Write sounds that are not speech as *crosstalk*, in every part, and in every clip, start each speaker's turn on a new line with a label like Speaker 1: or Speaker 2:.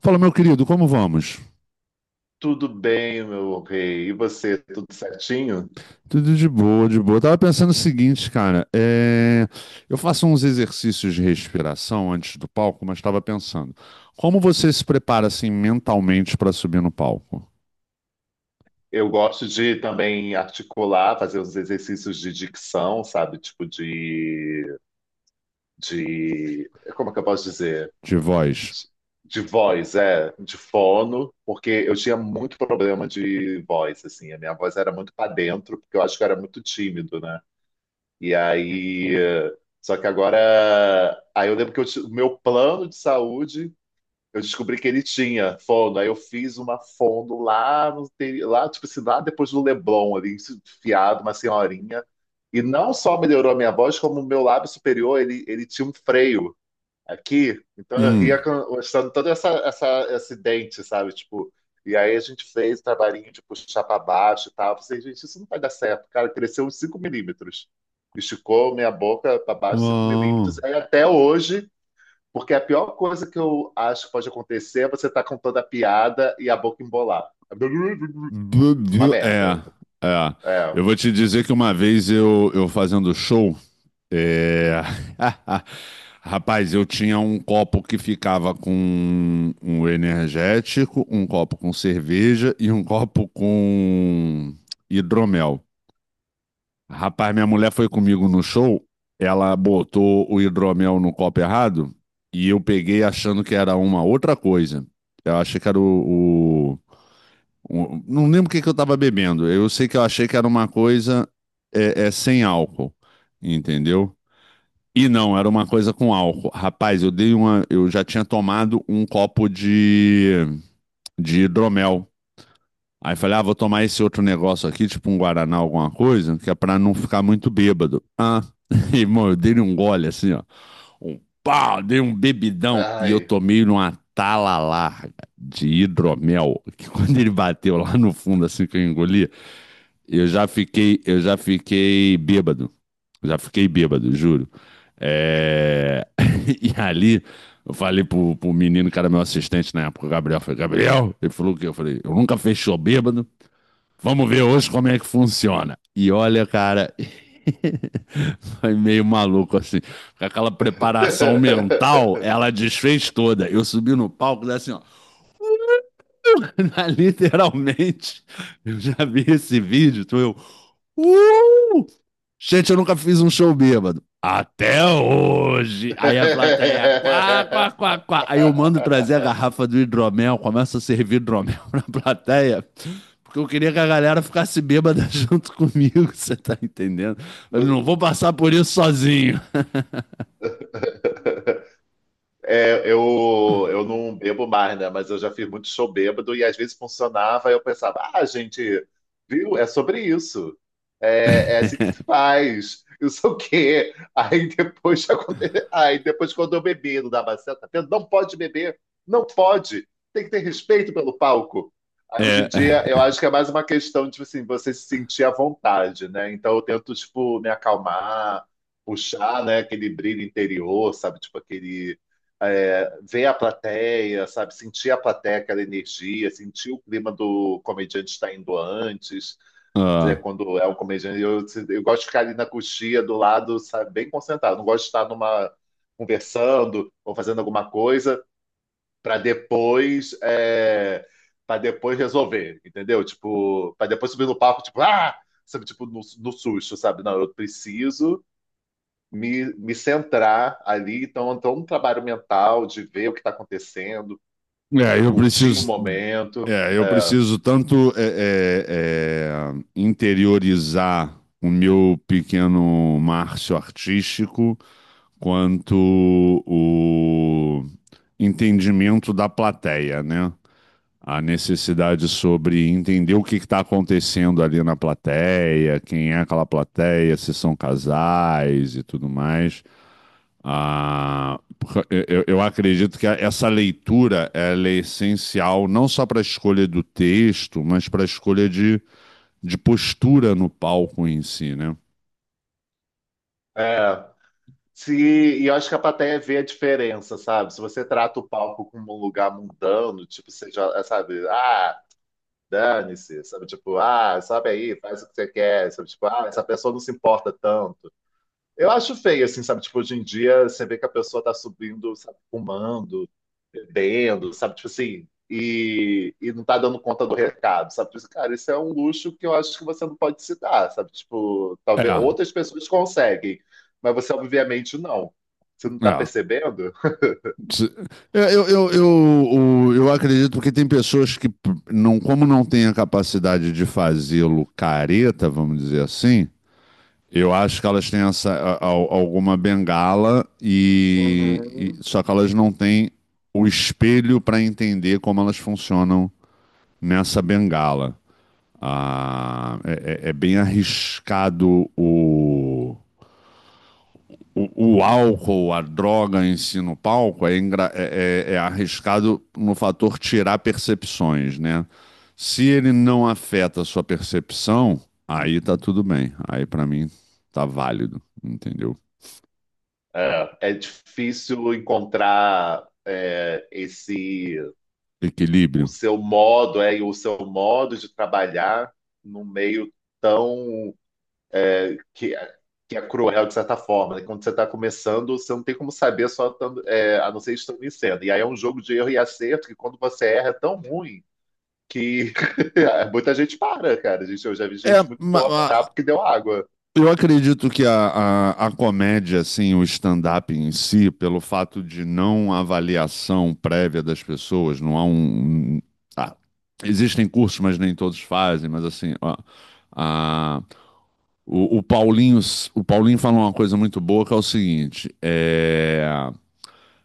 Speaker 1: Fala, meu querido, como vamos?
Speaker 2: Tudo bem, meu rei. E você, tudo certinho?
Speaker 1: Tudo de boa, de boa. Eu tava pensando o seguinte, cara, eu faço uns exercícios de respiração antes do palco, mas estava pensando, como você se prepara assim mentalmente para subir no palco?
Speaker 2: Eu gosto de também articular, fazer uns exercícios de dicção, sabe? Tipo de, como é que eu posso dizer?
Speaker 1: De voz?
Speaker 2: De, de voz, de fono, porque eu tinha muito problema de voz, assim. A minha voz era muito para dentro, porque eu acho que eu era muito tímido, né? E aí, só que agora, aí eu lembro que o meu plano de saúde. Eu descobri que ele tinha fono, aí eu fiz uma fono lá, no, interi- lá tipo assim, lá depois do Leblon, ali, enfiado, uma senhorinha. E não só melhorou a minha voz, como o meu lábio superior, ele tinha um freio aqui. Então eu ria
Speaker 1: Hum.
Speaker 2: mostrando todo esse dente, sabe? Tipo, e aí a gente fez o trabalhinho de puxar para baixo e tal. Eu falei, gente, isso não vai dar certo. Cara, cresceu uns 5 mm. Esticou minha boca para baixo 5
Speaker 1: Uau.
Speaker 2: milímetros. Aí até hoje, porque a pior coisa que eu acho que pode acontecer é você estar com toda a piada e a boca embolar. É
Speaker 1: Bu-
Speaker 2: uma
Speaker 1: bu- É,
Speaker 2: merda.
Speaker 1: é.
Speaker 2: É.
Speaker 1: Eu vou te dizer que uma vez eu fazendo show. É... *laughs* Rapaz, eu tinha um copo que ficava com um energético, um copo com cerveja e um copo com hidromel. Rapaz, minha mulher foi comigo no show, ela botou o hidromel no copo errado e eu peguei achando que era uma outra coisa. Eu achei que era não lembro o que que eu tava bebendo. Eu sei que eu achei que era uma coisa sem álcool, entendeu? E não, era uma coisa com álcool. Rapaz, eu dei uma. Eu já tinha tomado um copo de hidromel. Aí falei, ah, vou tomar esse outro negócio aqui, tipo um Guaraná, alguma coisa, que é pra não ficar muito bêbado. Ah, *laughs* e, irmão, eu dei um gole assim, ó. Um pau, dei um bebidão. E eu
Speaker 2: Ai.
Speaker 1: tomei numa tala larga de hidromel, que quando ele bateu lá no fundo, assim que eu engoli, eu já fiquei bêbado. Já fiquei bêbado, juro. É, *laughs* e ali, eu falei pro menino que era meu assistente na época, o Gabriel. Eu falei, Gabriel, ele falou o quê? Eu falei, eu nunca fechou bêbado. Vamos ver hoje como é que funciona. E olha, cara, *laughs* foi meio maluco assim. Com aquela preparação mental, ela desfez toda. Eu subi no palco, daí assim, ó. *laughs* Literalmente, eu já vi esse vídeo, tu eu. "Uh! Gente, eu nunca fiz um show bêbado. Até hoje. Aí a plateia, quá, quá, quá, quá. Aí eu mando trazer a
Speaker 2: *laughs*
Speaker 1: garrafa do hidromel, começa a servir hidromel *laughs* na plateia, porque eu queria que a galera ficasse bêbada *laughs* junto comigo, você tá entendendo? Eu não vou passar por isso sozinho.
Speaker 2: É, eu não bebo mais, né? Mas eu já fiz muito show bêbado e às vezes funcionava. E eu pensava, ah, gente, viu? É sobre isso. É, é assim que se
Speaker 1: *laughs*
Speaker 2: faz. *laughs* Eu sei o quê. Aí depois *laughs* aí depois quando eu bebi, não dava certo. Tá vendo? Não pode beber, não pode. Tem que ter respeito pelo palco. Aí hoje em
Speaker 1: É.
Speaker 2: dia eu acho que é mais uma questão de tipo assim, você se sentir à vontade, né? Então eu tento tipo me acalmar, puxar, né? Aquele brilho interior, sabe? Tipo aquele ver a plateia, sabe? Sentir a plateia, aquela energia, sentir o clima do comediante estar indo antes, né?
Speaker 1: Ah.
Speaker 2: Quando é um comediante, eu gosto de ficar ali na coxia do lado, sabe? Bem concentrado. Não gosto de estar numa conversando ou fazendo alguma coisa para depois é, para depois resolver, entendeu? Tipo, para depois subir no palco, tipo, ah, sabe, tipo no susto, sabe? Não, eu preciso me centrar ali. Então, é um trabalho mental de ver o que está acontecendo,
Speaker 1: É, eu
Speaker 2: curtir o
Speaker 1: preciso,
Speaker 2: momento.
Speaker 1: é, eu
Speaker 2: É,
Speaker 1: preciso tanto interiorizar o meu pequeno Márcio artístico, quanto o entendimento da plateia, né? A necessidade sobre entender o que está acontecendo ali na plateia, quem é aquela plateia, se são casais e tudo mais. Ah, porque eu acredito que essa leitura ela é essencial não só para a escolha do texto, mas para a escolha de postura no palco em si, né?
Speaker 2: é. Se, e eu acho que a plateia vê a diferença, sabe? Se você trata o palco como um lugar mundano, tipo, seja, sabe, ah, dane-se, sabe? Tipo, ah, sobe aí, faz o que você quer, sabe? Tipo, ah, essa pessoa não se importa tanto. Eu acho feio, assim, sabe? Tipo, hoje em dia você vê que a pessoa tá subindo, sabe, fumando, bebendo, sabe? Tipo assim, e não tá dando conta do recado, sabe? Tipo assim, cara, isso é um luxo que eu acho que você não pode se dar, sabe? Tipo,
Speaker 1: É,
Speaker 2: talvez outras pessoas conseguem, mas você obviamente não. Você não tá
Speaker 1: é.
Speaker 2: percebendo?
Speaker 1: Se- eu acredito que tem pessoas que, não, como não têm a capacidade de fazê-lo careta, vamos dizer assim, eu acho que elas têm essa, alguma bengala
Speaker 2: Uhum.
Speaker 1: só que elas não têm o espelho para entender como elas funcionam nessa bengala. Ah, é bem arriscado o álcool, a droga em si no palco é arriscado no fator tirar percepções, né? Se ele não afeta a sua percepção, aí tá tudo bem. Aí para mim tá válido, entendeu?
Speaker 2: É, é difícil encontrar esse o
Speaker 1: Equilíbrio.
Speaker 2: seu modo, e o seu modo de trabalhar num meio tão que, é, que é cruel de certa forma. Né? Quando você está começando, você não tem como saber só a não ser estando em cena. E aí é um jogo de erro e acerto que quando você erra é tão ruim que *laughs* muita gente para, cara. Gente, eu já vi
Speaker 1: É,
Speaker 2: gente muito boa parar porque deu água.
Speaker 1: eu acredito que a comédia, assim, o stand-up em si, pelo fato de não avaliação prévia das pessoas, não há um. Ah, existem cursos, mas nem todos fazem, mas assim, ó, a- o, Paulinho, o Paulinho fala uma coisa muito boa que é o seguinte: é.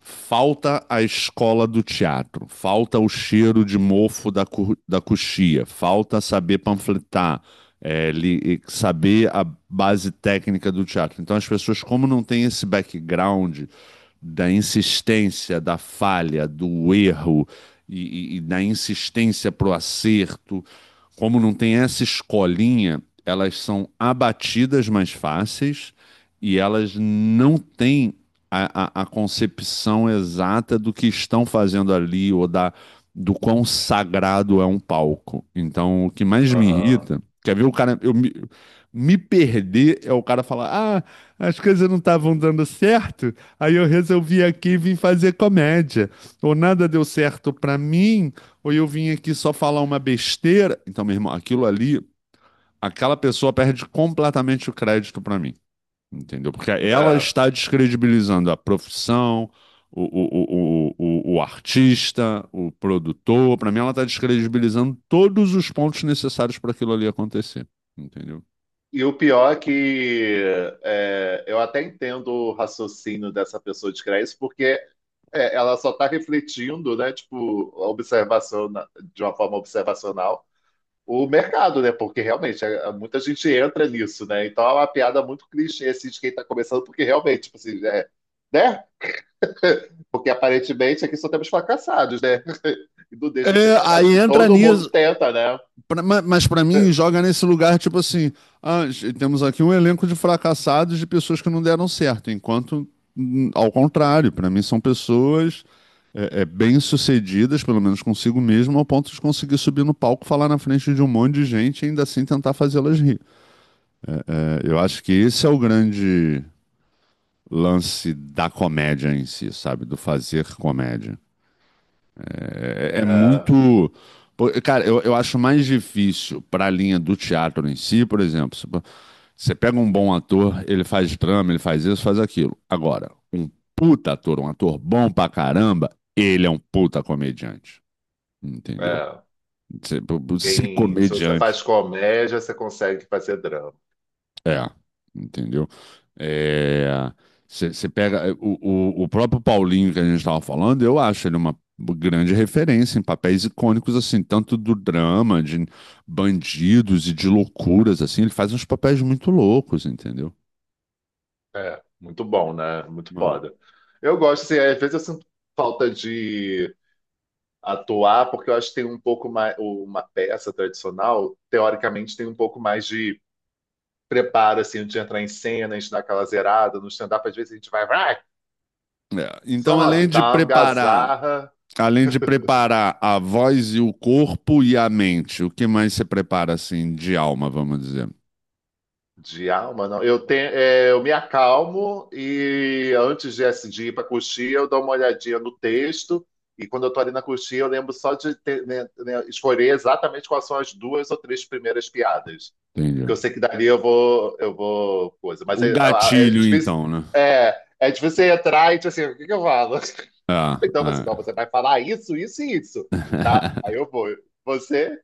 Speaker 1: Falta a escola do teatro, falta o cheiro de mofo da, da coxia, falta saber panfletar, é, li- saber a base técnica do teatro. Então, as pessoas, como não têm esse background da insistência, da falha, do erro e da insistência para o acerto, como não tem essa escolinha, elas são abatidas mais fáceis e elas não têm a concepção exata do que estão fazendo ali ou da, do quão sagrado é um palco. Então, o que mais me
Speaker 2: Aham.
Speaker 1: irrita, quer ver o cara, me perder é o cara falar: "Ah, as coisas não estavam dando certo, aí eu resolvi aqui e vim fazer comédia, ou nada deu certo pra mim, ou eu vim aqui só falar uma besteira". Então, meu irmão, aquilo ali, aquela pessoa perde completamente o crédito pra mim. Entendeu? Porque ela
Speaker 2: É.
Speaker 1: está descredibilizando a profissão, o artista, o produtor. Para mim, ela está descredibilizando todos os pontos necessários para aquilo ali acontecer. Entendeu?
Speaker 2: E o pior é que eu até entendo o raciocínio dessa pessoa de criar isso, porque ela só está refletindo, né, tipo, a observação de uma forma observacional o mercado, né? Porque realmente muita gente entra nisso, né? Então é uma piada muito clichê assim, de quem está começando, porque realmente, tipo assim, né? Porque aparentemente aqui só temos fracassados, né? *laughs* E não deixa de ser
Speaker 1: É,
Speaker 2: verdade, acho
Speaker 1: aí
Speaker 2: que
Speaker 1: entra
Speaker 2: todo mundo
Speaker 1: nisso,
Speaker 2: tenta, né?
Speaker 1: mas para mim joga nesse lugar tipo assim, ah, temos aqui um elenco de fracassados de pessoas que não deram certo, enquanto ao contrário, para mim são pessoas bem-sucedidas, pelo menos consigo mesmo, ao ponto de conseguir subir no palco, falar na frente de um monte de gente e ainda assim tentar fazê-las rir. É, eu acho que esse é o grande lance da comédia em si, sabe? Do fazer comédia. É, é
Speaker 2: É,
Speaker 1: muito. Cara, eu acho mais difícil para a linha do teatro em si, por exemplo. Você pega um bom ator, ele faz drama, ele faz isso, faz aquilo. Agora, um puta ator, um ator bom pra caramba, ele é um puta comediante. Entendeu?
Speaker 2: é.
Speaker 1: Se ser
Speaker 2: Se você
Speaker 1: comediante.
Speaker 2: faz comédia, você consegue fazer drama.
Speaker 1: É, entendeu? É, você pega é, o próprio Paulinho que a gente estava falando, eu acho ele uma grande referência em papéis icônicos, assim, tanto do drama, de bandidos e de loucuras, assim, ele faz uns papéis muito loucos, entendeu?
Speaker 2: É, muito bom, né? Muito
Speaker 1: Ah.
Speaker 2: foda. Eu gosto, assim, às vezes eu sinto falta de atuar, porque eu acho que tem um pouco mais, uma peça tradicional, teoricamente, tem um pouco mais de preparo, assim, antes de entrar em cena, a gente dá aquela zerada. No stand-up, às vezes a gente vai,
Speaker 1: É, então,
Speaker 2: sobe, dá uma gazarra.
Speaker 1: além de preparar a voz e o corpo e a mente, o que mais você prepara, assim, de alma, vamos dizer?
Speaker 2: De alma, não. Eu, tenho, eu me acalmo e antes de, assim, de ir para coxia, eu dou uma olhadinha no texto. E quando eu tô ali na coxia, eu lembro só de né, escolher exatamente quais são as duas ou três primeiras piadas que
Speaker 1: Entendeu?
Speaker 2: eu sei que dali eu vou coisa. Mas
Speaker 1: O
Speaker 2: é
Speaker 1: gatilho,
Speaker 2: difícil,
Speaker 1: então, né?
Speaker 2: é difícil você entrar e tipo assim, o que que eu falo? *laughs*
Speaker 1: Ah,
Speaker 2: Então você,
Speaker 1: é.
Speaker 2: não, você vai falar isso, isso e isso,
Speaker 1: *laughs*
Speaker 2: tá? Aí eu vou. Você?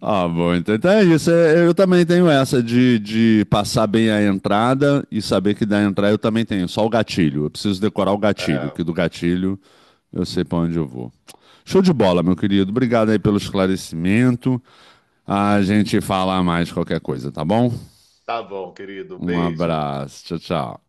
Speaker 1: Ah, bom, então, então é isso. É, eu também tenho essa de passar bem a entrada e saber que da entrada eu também tenho, só o gatilho. Eu preciso decorar o gatilho,
Speaker 2: É,
Speaker 1: que do gatilho eu sei para onde eu vou. Show de bola, meu querido. Obrigado aí pelo esclarecimento. A gente fala mais qualquer coisa, tá bom?
Speaker 2: tá bom, querido.
Speaker 1: Um
Speaker 2: Beijo.
Speaker 1: abraço. Tchau, tchau.